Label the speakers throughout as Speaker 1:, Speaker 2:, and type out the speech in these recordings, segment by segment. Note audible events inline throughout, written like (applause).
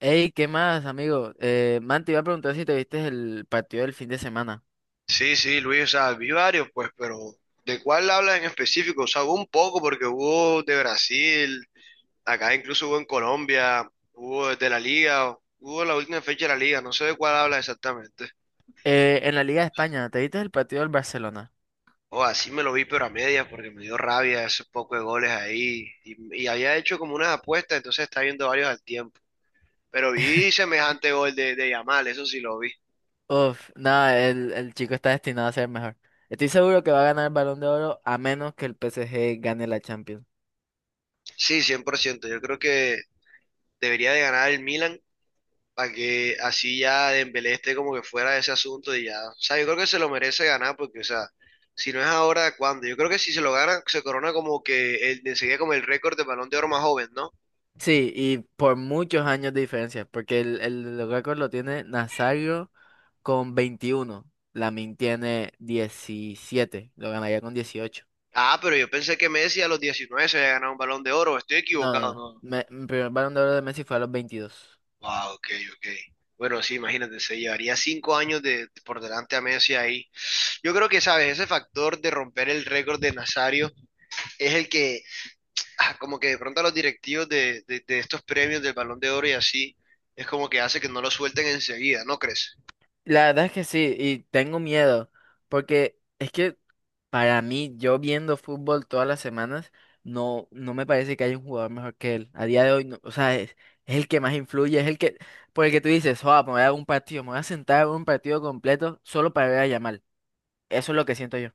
Speaker 1: Hey, ¿qué más, amigo? Man, te iba a preguntar si te viste el partido del fin de semana.
Speaker 2: Sí, sí, Luis, o sea, vi varios, pues, pero ¿de cuál hablas en específico? O sea, hubo un poco, porque hubo de Brasil, acá incluso hubo en Colombia, hubo de la Liga, hubo la última fecha de la Liga, no sé de cuál habla exactamente.
Speaker 1: En la Liga de España, ¿te viste el partido del Barcelona?
Speaker 2: O así me lo vi, pero a medias, porque me dio rabia esos pocos de goles ahí. Y había hecho como unas apuestas, entonces estaba viendo varios al tiempo. Pero vi semejante gol de Yamal, eso sí lo vi.
Speaker 1: Uf, nada, el chico está destinado a ser mejor. Estoy seguro que va a ganar el Balón de Oro a menos que el PSG gane la Champions.
Speaker 2: Sí, 100%. Yo creo que debería de ganar el Milan para que así ya Dembélé esté como que fuera de ese asunto y ya, o sea, yo creo que se lo merece ganar porque, o sea, si no es ahora, ¿cuándo? Yo creo que si se lo gana, se corona como que el, enseguida como el récord de Balón de Oro más joven, ¿no?
Speaker 1: Sí, y por muchos años de diferencia, porque los récord lo tiene Nazario con 21. Lamin tiene 17, lo ganaría con 18.
Speaker 2: Ah, pero yo pensé que Messi a los 19 se había ganado un Balón de Oro, estoy
Speaker 1: No, no,
Speaker 2: equivocado,
Speaker 1: no.
Speaker 2: ¿no?
Speaker 1: Mi primer Balón de Oro de Messi fue a los 22.
Speaker 2: Wow, ok, ok. Bueno, sí, imagínate, se llevaría 5 años por delante a Messi ahí. Yo creo que, ¿sabes? Ese factor de romper el récord de Nazario es el que (laughs) ah, como que de pronto a los directivos de estos premios del Balón de Oro y así, es como que hace que no lo suelten enseguida, ¿no crees?
Speaker 1: La verdad es que sí, y tengo miedo, porque es que para mí, yo viendo fútbol todas las semanas, no, no me parece que haya un jugador mejor que él. A día de hoy, no, o sea, es el que más influye, por el que tú dices, oh, me voy a dar un partido, me voy a sentar a ver un partido completo solo para ver a Yamal. Eso es lo que siento yo.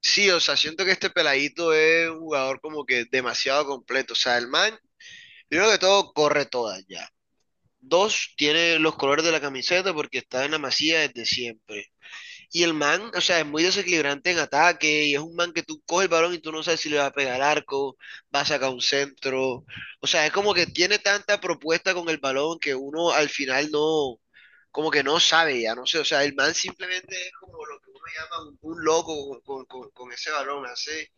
Speaker 2: Sí, o sea, siento que este peladito es un jugador como que demasiado completo. O sea, el man, primero que todo, corre todas ya. Dos, tiene los colores de la camiseta porque está en la Masía desde siempre. Y el man, o sea, es muy desequilibrante en ataque y es un man que tú coges el balón y tú no sabes si le va a pegar al arco, va a sacar un centro. O sea, es como que tiene tanta propuesta con el balón que uno al final no, como que no sabe ya, no sé. O sea, el man simplemente es como lo que uno llama un loco con ese balón. Hace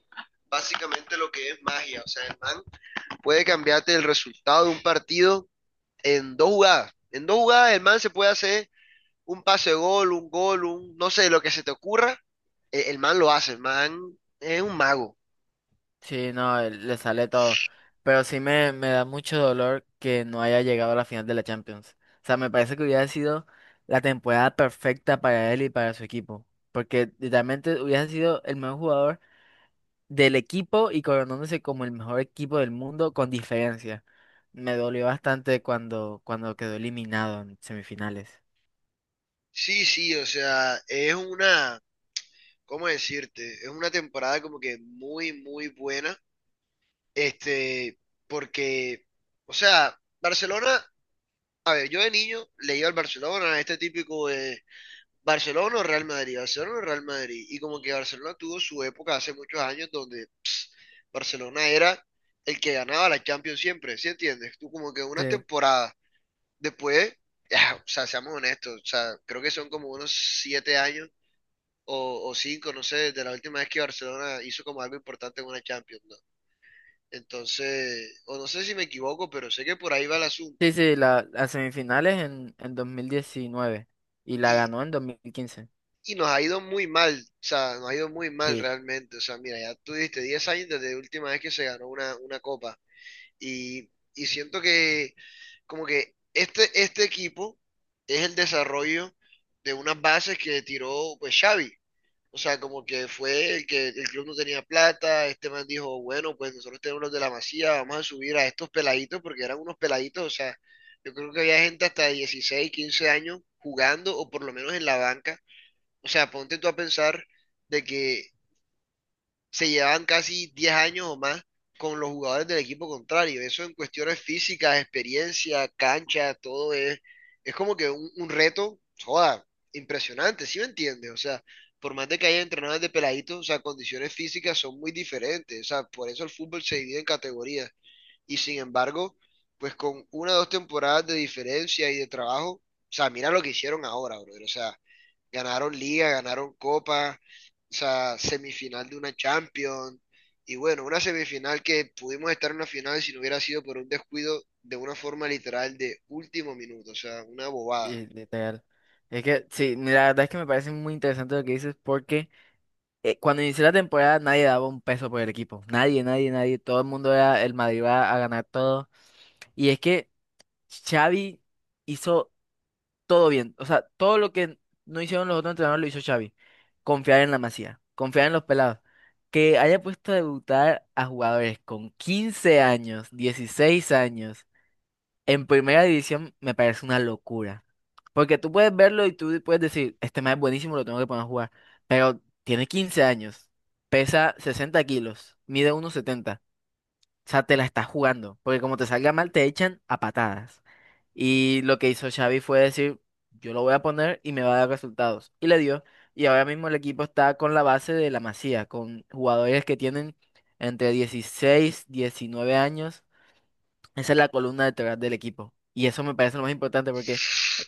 Speaker 2: básicamente lo que es magia. O sea, el man puede cambiarte el resultado de un partido en dos jugadas. En dos jugadas el man se puede hacer un pase de gol, un, no sé, lo que se te ocurra, el man lo hace, el man es un mago.
Speaker 1: Sí, no, le sale todo. Pero sí me da mucho dolor que no haya llegado a la final de la Champions. O sea, me parece que hubiera sido la temporada perfecta para él y para su equipo. Porque literalmente hubiera sido el mejor jugador del equipo y coronándose como el mejor equipo del mundo con diferencia. Me dolió bastante cuando quedó eliminado en semifinales.
Speaker 2: Sí, sí, o sea, es una, ¿cómo decirte? Es una temporada como que muy, muy buena, este, porque, o sea, Barcelona, a ver, yo de niño le iba al Barcelona, este típico de Barcelona o Real Madrid, Barcelona o Real Madrid, y como que Barcelona tuvo su época hace muchos años donde Barcelona era el que ganaba la Champions siempre, ¿sí entiendes? Tú como que unas
Speaker 1: Sí,
Speaker 2: temporadas después, ya, o sea, seamos honestos, o sea, creo que son como unos 7 años o cinco, no sé, desde la última vez que Barcelona hizo como algo importante en una Champions, ¿no? Entonces, o no sé si me equivoco, pero sé que por ahí va el asunto.
Speaker 1: sí, sí, las semifinales en 2019 y la
Speaker 2: Y,
Speaker 1: ganó en 2015.
Speaker 2: y nos ha ido muy mal, o sea, nos ha ido muy mal
Speaker 1: Sí.
Speaker 2: realmente. O sea, mira, ya tú dijiste 10 años desde la última vez que se ganó una copa. Y siento que como que este equipo es el desarrollo de unas bases que tiró pues Xavi. O sea, como que fue el que el club no tenía plata, este man dijo, bueno, pues nosotros tenemos los de la Masía, vamos a subir a estos peladitos, porque eran unos peladitos, o sea, yo creo que había gente hasta de 16, 15 años jugando, o por lo menos en la banca. O sea, ponte tú a pensar de que se llevaban casi 10 años o más con los jugadores del equipo contrario. Eso en cuestiones físicas, experiencia, cancha, todo es como que un reto, joda, impresionante, ¿sí me entiendes? O sea, por más de que haya entrenadores de peladitos, o sea, condiciones físicas son muy diferentes. O sea, por eso el fútbol se divide en categorías. Y sin embargo, pues con una o dos temporadas de diferencia y de trabajo, o sea, mira lo que hicieron ahora, brother. O sea, ganaron liga, ganaron copa, o sea, semifinal de una Champions. Y bueno, una semifinal que pudimos estar en una final si no hubiera sido por un descuido de una forma literal de último minuto, o sea, una bobada.
Speaker 1: Y literal. Es que, sí, la verdad es que me parece muy interesante lo que dices porque cuando inició la temporada nadie daba un peso por el equipo. Nadie, nadie, nadie. Todo el mundo era el Madrid va a ganar todo. Y es que Xavi hizo todo bien. O sea, todo lo que no hicieron los otros entrenadores lo hizo Xavi. Confiar en la Masía, confiar en los pelados. Que haya puesto a debutar a jugadores con 15 años, 16 años. En primera división me parece una locura. Porque tú puedes verlo y tú puedes decir, este man es buenísimo, lo tengo que poner a jugar. Pero tiene 15 años, pesa 60 kilos, mide 1,70. O sea, te la estás jugando. Porque como te salga mal, te echan a patadas. Y lo que hizo Xavi fue decir, yo lo voy a poner y me va a dar resultados. Y le dio. Y ahora mismo el equipo está con la base de la Masía, con jugadores que tienen entre 16, 19 años. Esa es la columna vertebral del equipo. Y eso me parece lo más importante porque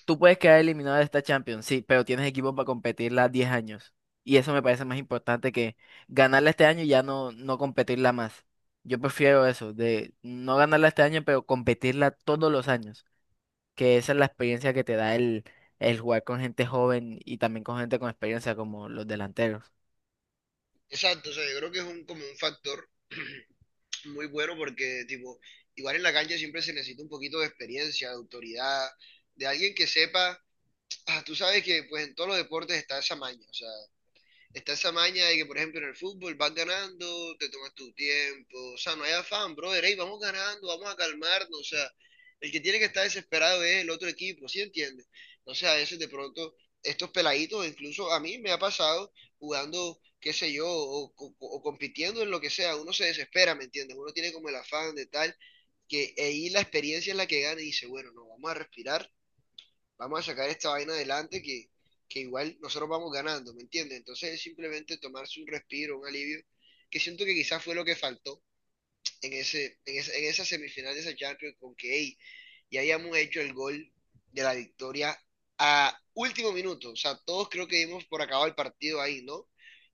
Speaker 1: tú puedes quedar eliminado de esta Champions, sí, pero tienes equipo para competirla 10 años. Y eso me parece más importante que ganarla este año y ya no competirla más. Yo prefiero eso, de no ganarla este año, pero competirla todos los años. Que esa es la experiencia que te da el jugar con gente joven y también con gente con experiencia como los delanteros.
Speaker 2: Exacto, o sea, yo creo que es un, como un factor (clears throat) muy bueno porque, tipo, igual en la cancha siempre se necesita un poquito de experiencia, de autoridad, de alguien que sepa, ah, tú sabes que pues en todos los deportes está esa maña, o sea, está esa maña de que, por ejemplo, en el fútbol vas ganando, te tomas tu tiempo. O sea, no hay afán, brother. Ey, vamos ganando, vamos a calmarnos. O sea, el que tiene que estar desesperado es el otro equipo, ¿sí entiendes? Entonces, a veces de pronto, estos peladitos, incluso a mí me ha pasado jugando, qué sé yo, o compitiendo en lo que sea, uno se desespera, ¿me entiendes? Uno tiene como el afán de tal, que ahí la experiencia es la que gana y dice, bueno, no, vamos a respirar, vamos a sacar esta vaina adelante que igual nosotros vamos ganando, ¿me entiendes? Entonces es simplemente tomarse un respiro, un alivio, que siento que quizás fue lo que faltó en esa semifinal de esa Champions con que hey, ya habíamos hecho el gol de la victoria último minuto, o sea, todos creo que dimos por acabado el partido ahí, ¿no?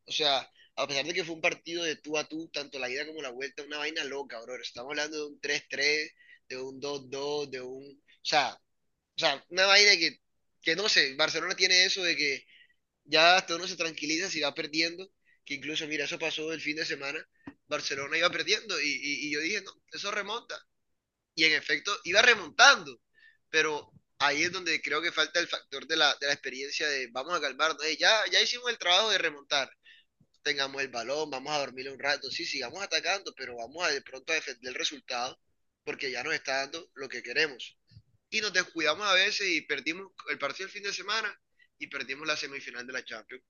Speaker 2: O sea, a pesar de que fue un partido de tú a tú, tanto la ida como la vuelta, una vaina loca, bro. Estamos hablando de un 3-3 de un 2-2 de un... o sea, una vaina que no sé, Barcelona tiene eso de que ya hasta uno se tranquiliza si va perdiendo, que incluso, mira, eso pasó el fin de semana, Barcelona iba perdiendo y yo dije, no, eso remonta. Y en efecto, iba remontando, pero ahí es donde creo que falta el factor de la experiencia de vamos a calmarnos, "Ey, ya, ya hicimos el trabajo de remontar, tengamos el balón, vamos a dormir un rato, sí, sigamos atacando, pero vamos a de pronto a defender el resultado porque ya nos está dando lo que queremos y nos descuidamos a veces y perdimos el partido el fin de semana y perdimos la semifinal de la Champions.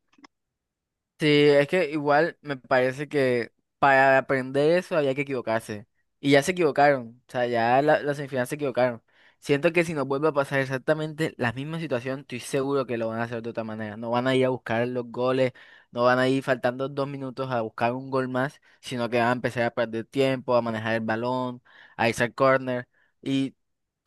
Speaker 1: Sí, es que igual me parece que para aprender eso había que equivocarse. Y ya se equivocaron. O sea, las semifinales se equivocaron. Siento que si nos vuelve a pasar exactamente la misma situación, estoy seguro que lo van a hacer de otra manera. No van a ir a buscar los goles, no van a ir faltando 2 minutos a buscar un gol más, sino que van a empezar a perder tiempo, a manejar el balón, a irse al córner.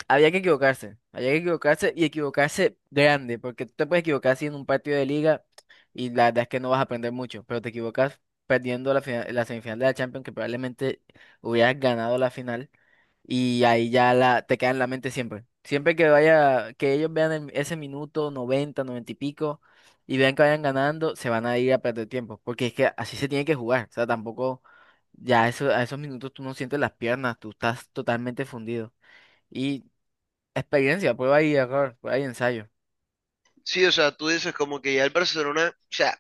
Speaker 1: Había que equivocarse y equivocarse grande, porque tú te puedes equivocar así en un partido de liga y la verdad es que no vas a aprender mucho, pero te equivocas perdiendo la semifinal de la Champions, que probablemente hubieras ganado la final y ahí te queda en la mente siempre. Siempre que vaya, que ellos vean ese minuto 90 90 y pico y vean que vayan ganando, se van a ir a perder tiempo, porque es que así se tiene que jugar, o sea, tampoco ya eso, a esos minutos tú no sientes las piernas, tú estás totalmente fundido. Y experiencia, prueba y error, prueba y ensayo.
Speaker 2: Sí, o sea, tú dices como que ya el Barcelona, o sea,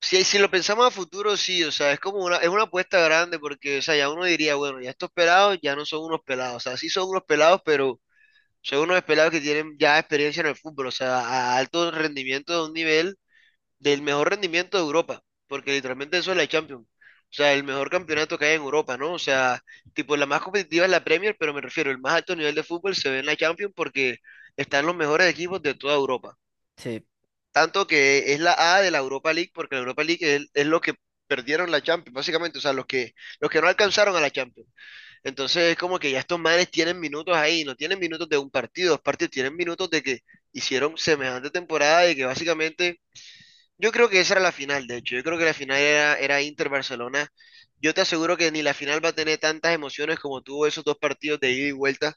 Speaker 2: si lo pensamos a futuro, sí, o sea, es como una, es una apuesta grande porque, o sea, ya uno diría, bueno, ya estos pelados ya no son unos pelados, o sea, sí son unos pelados, pero son unos pelados que tienen ya experiencia en el fútbol, o sea, a alto rendimiento de un nivel del mejor rendimiento de Europa, porque literalmente eso es la Champions. O sea, el mejor campeonato que hay en Europa, ¿no? O sea, tipo, la más competitiva es la Premier, pero me refiero, el más alto nivel de fútbol se ve en la Champions porque están los mejores equipos de toda Europa.
Speaker 1: Sí,
Speaker 2: Tanto que es la A de la Europa League, porque la Europa League es lo que perdieron la Champions, básicamente, o sea, los que no alcanzaron a la Champions. Entonces es como que ya estos manes tienen minutos ahí, no tienen minutos de un partido, dos partidos, tienen minutos de que hicieron semejante temporada y que básicamente yo creo que esa era la final, de hecho. Yo creo que la final era Inter-Barcelona. Yo te aseguro que ni la final va a tener tantas emociones como tuvo esos dos partidos de ida y vuelta,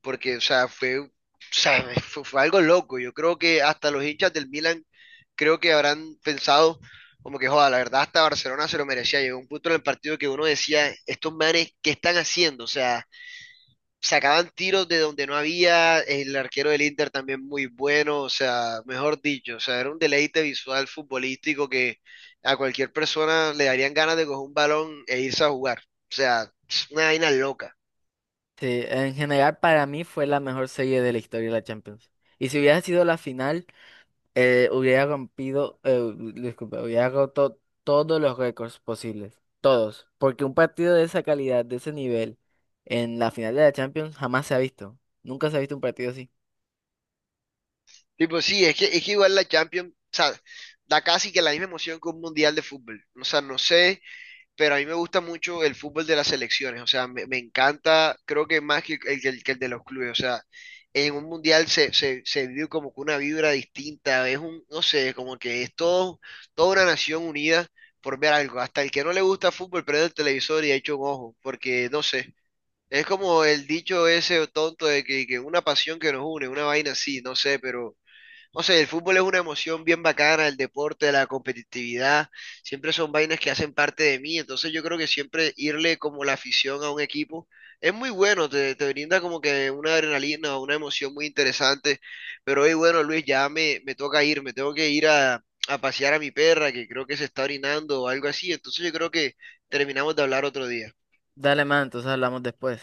Speaker 2: porque, o sea, fue, o sea, fue algo loco. Yo creo que hasta los hinchas del Milan creo que habrán pensado como que, joda, la verdad, hasta Barcelona se lo merecía. Llegó un punto en el partido que uno decía, estos manes, ¿qué están haciendo? O sea, sacaban tiros de donde no había, el arquero del Inter también muy bueno, o sea, mejor dicho, o sea, era un deleite visual futbolístico que a cualquier persona le darían ganas de coger un balón e irse a jugar, o sea, es una vaina loca.
Speaker 1: sí, en general para mí fue la mejor serie de la historia de la Champions. Y si hubiera sido la final, hubiera rompido, disculpa, hubiera roto todos los récords posibles, todos, porque un partido de esa calidad, de ese nivel, en la final de la Champions jamás se ha visto. Nunca se ha visto un partido así.
Speaker 2: Tipo, sí, es que igual la Champions, o sea, da casi que la misma emoción que un mundial de fútbol, o sea, no sé, pero a mí me gusta mucho el fútbol de las selecciones, o sea, me encanta, creo que más que el, que el de los clubes, o sea, en un mundial se vive como que una vibra distinta, es un, no sé, como que es todo, toda una nación unida por ver algo, hasta el que no le gusta fútbol prende el televisor y echa un ojo, porque no sé, es como el dicho ese tonto de que, una pasión que nos une, una vaina así, no sé, pero no sé, el fútbol es una emoción bien bacana, el deporte, la competitividad, siempre son vainas que hacen parte de mí, entonces yo creo que siempre irle como la afición a un equipo es muy bueno, te brinda como que una adrenalina, una emoción muy interesante, pero hoy bueno, Luis, ya me, toca ir, me tengo que ir a pasear a mi perra que creo que se está orinando o algo así, entonces yo creo que terminamos de hablar otro día.
Speaker 1: Dale, man, entonces hablamos después.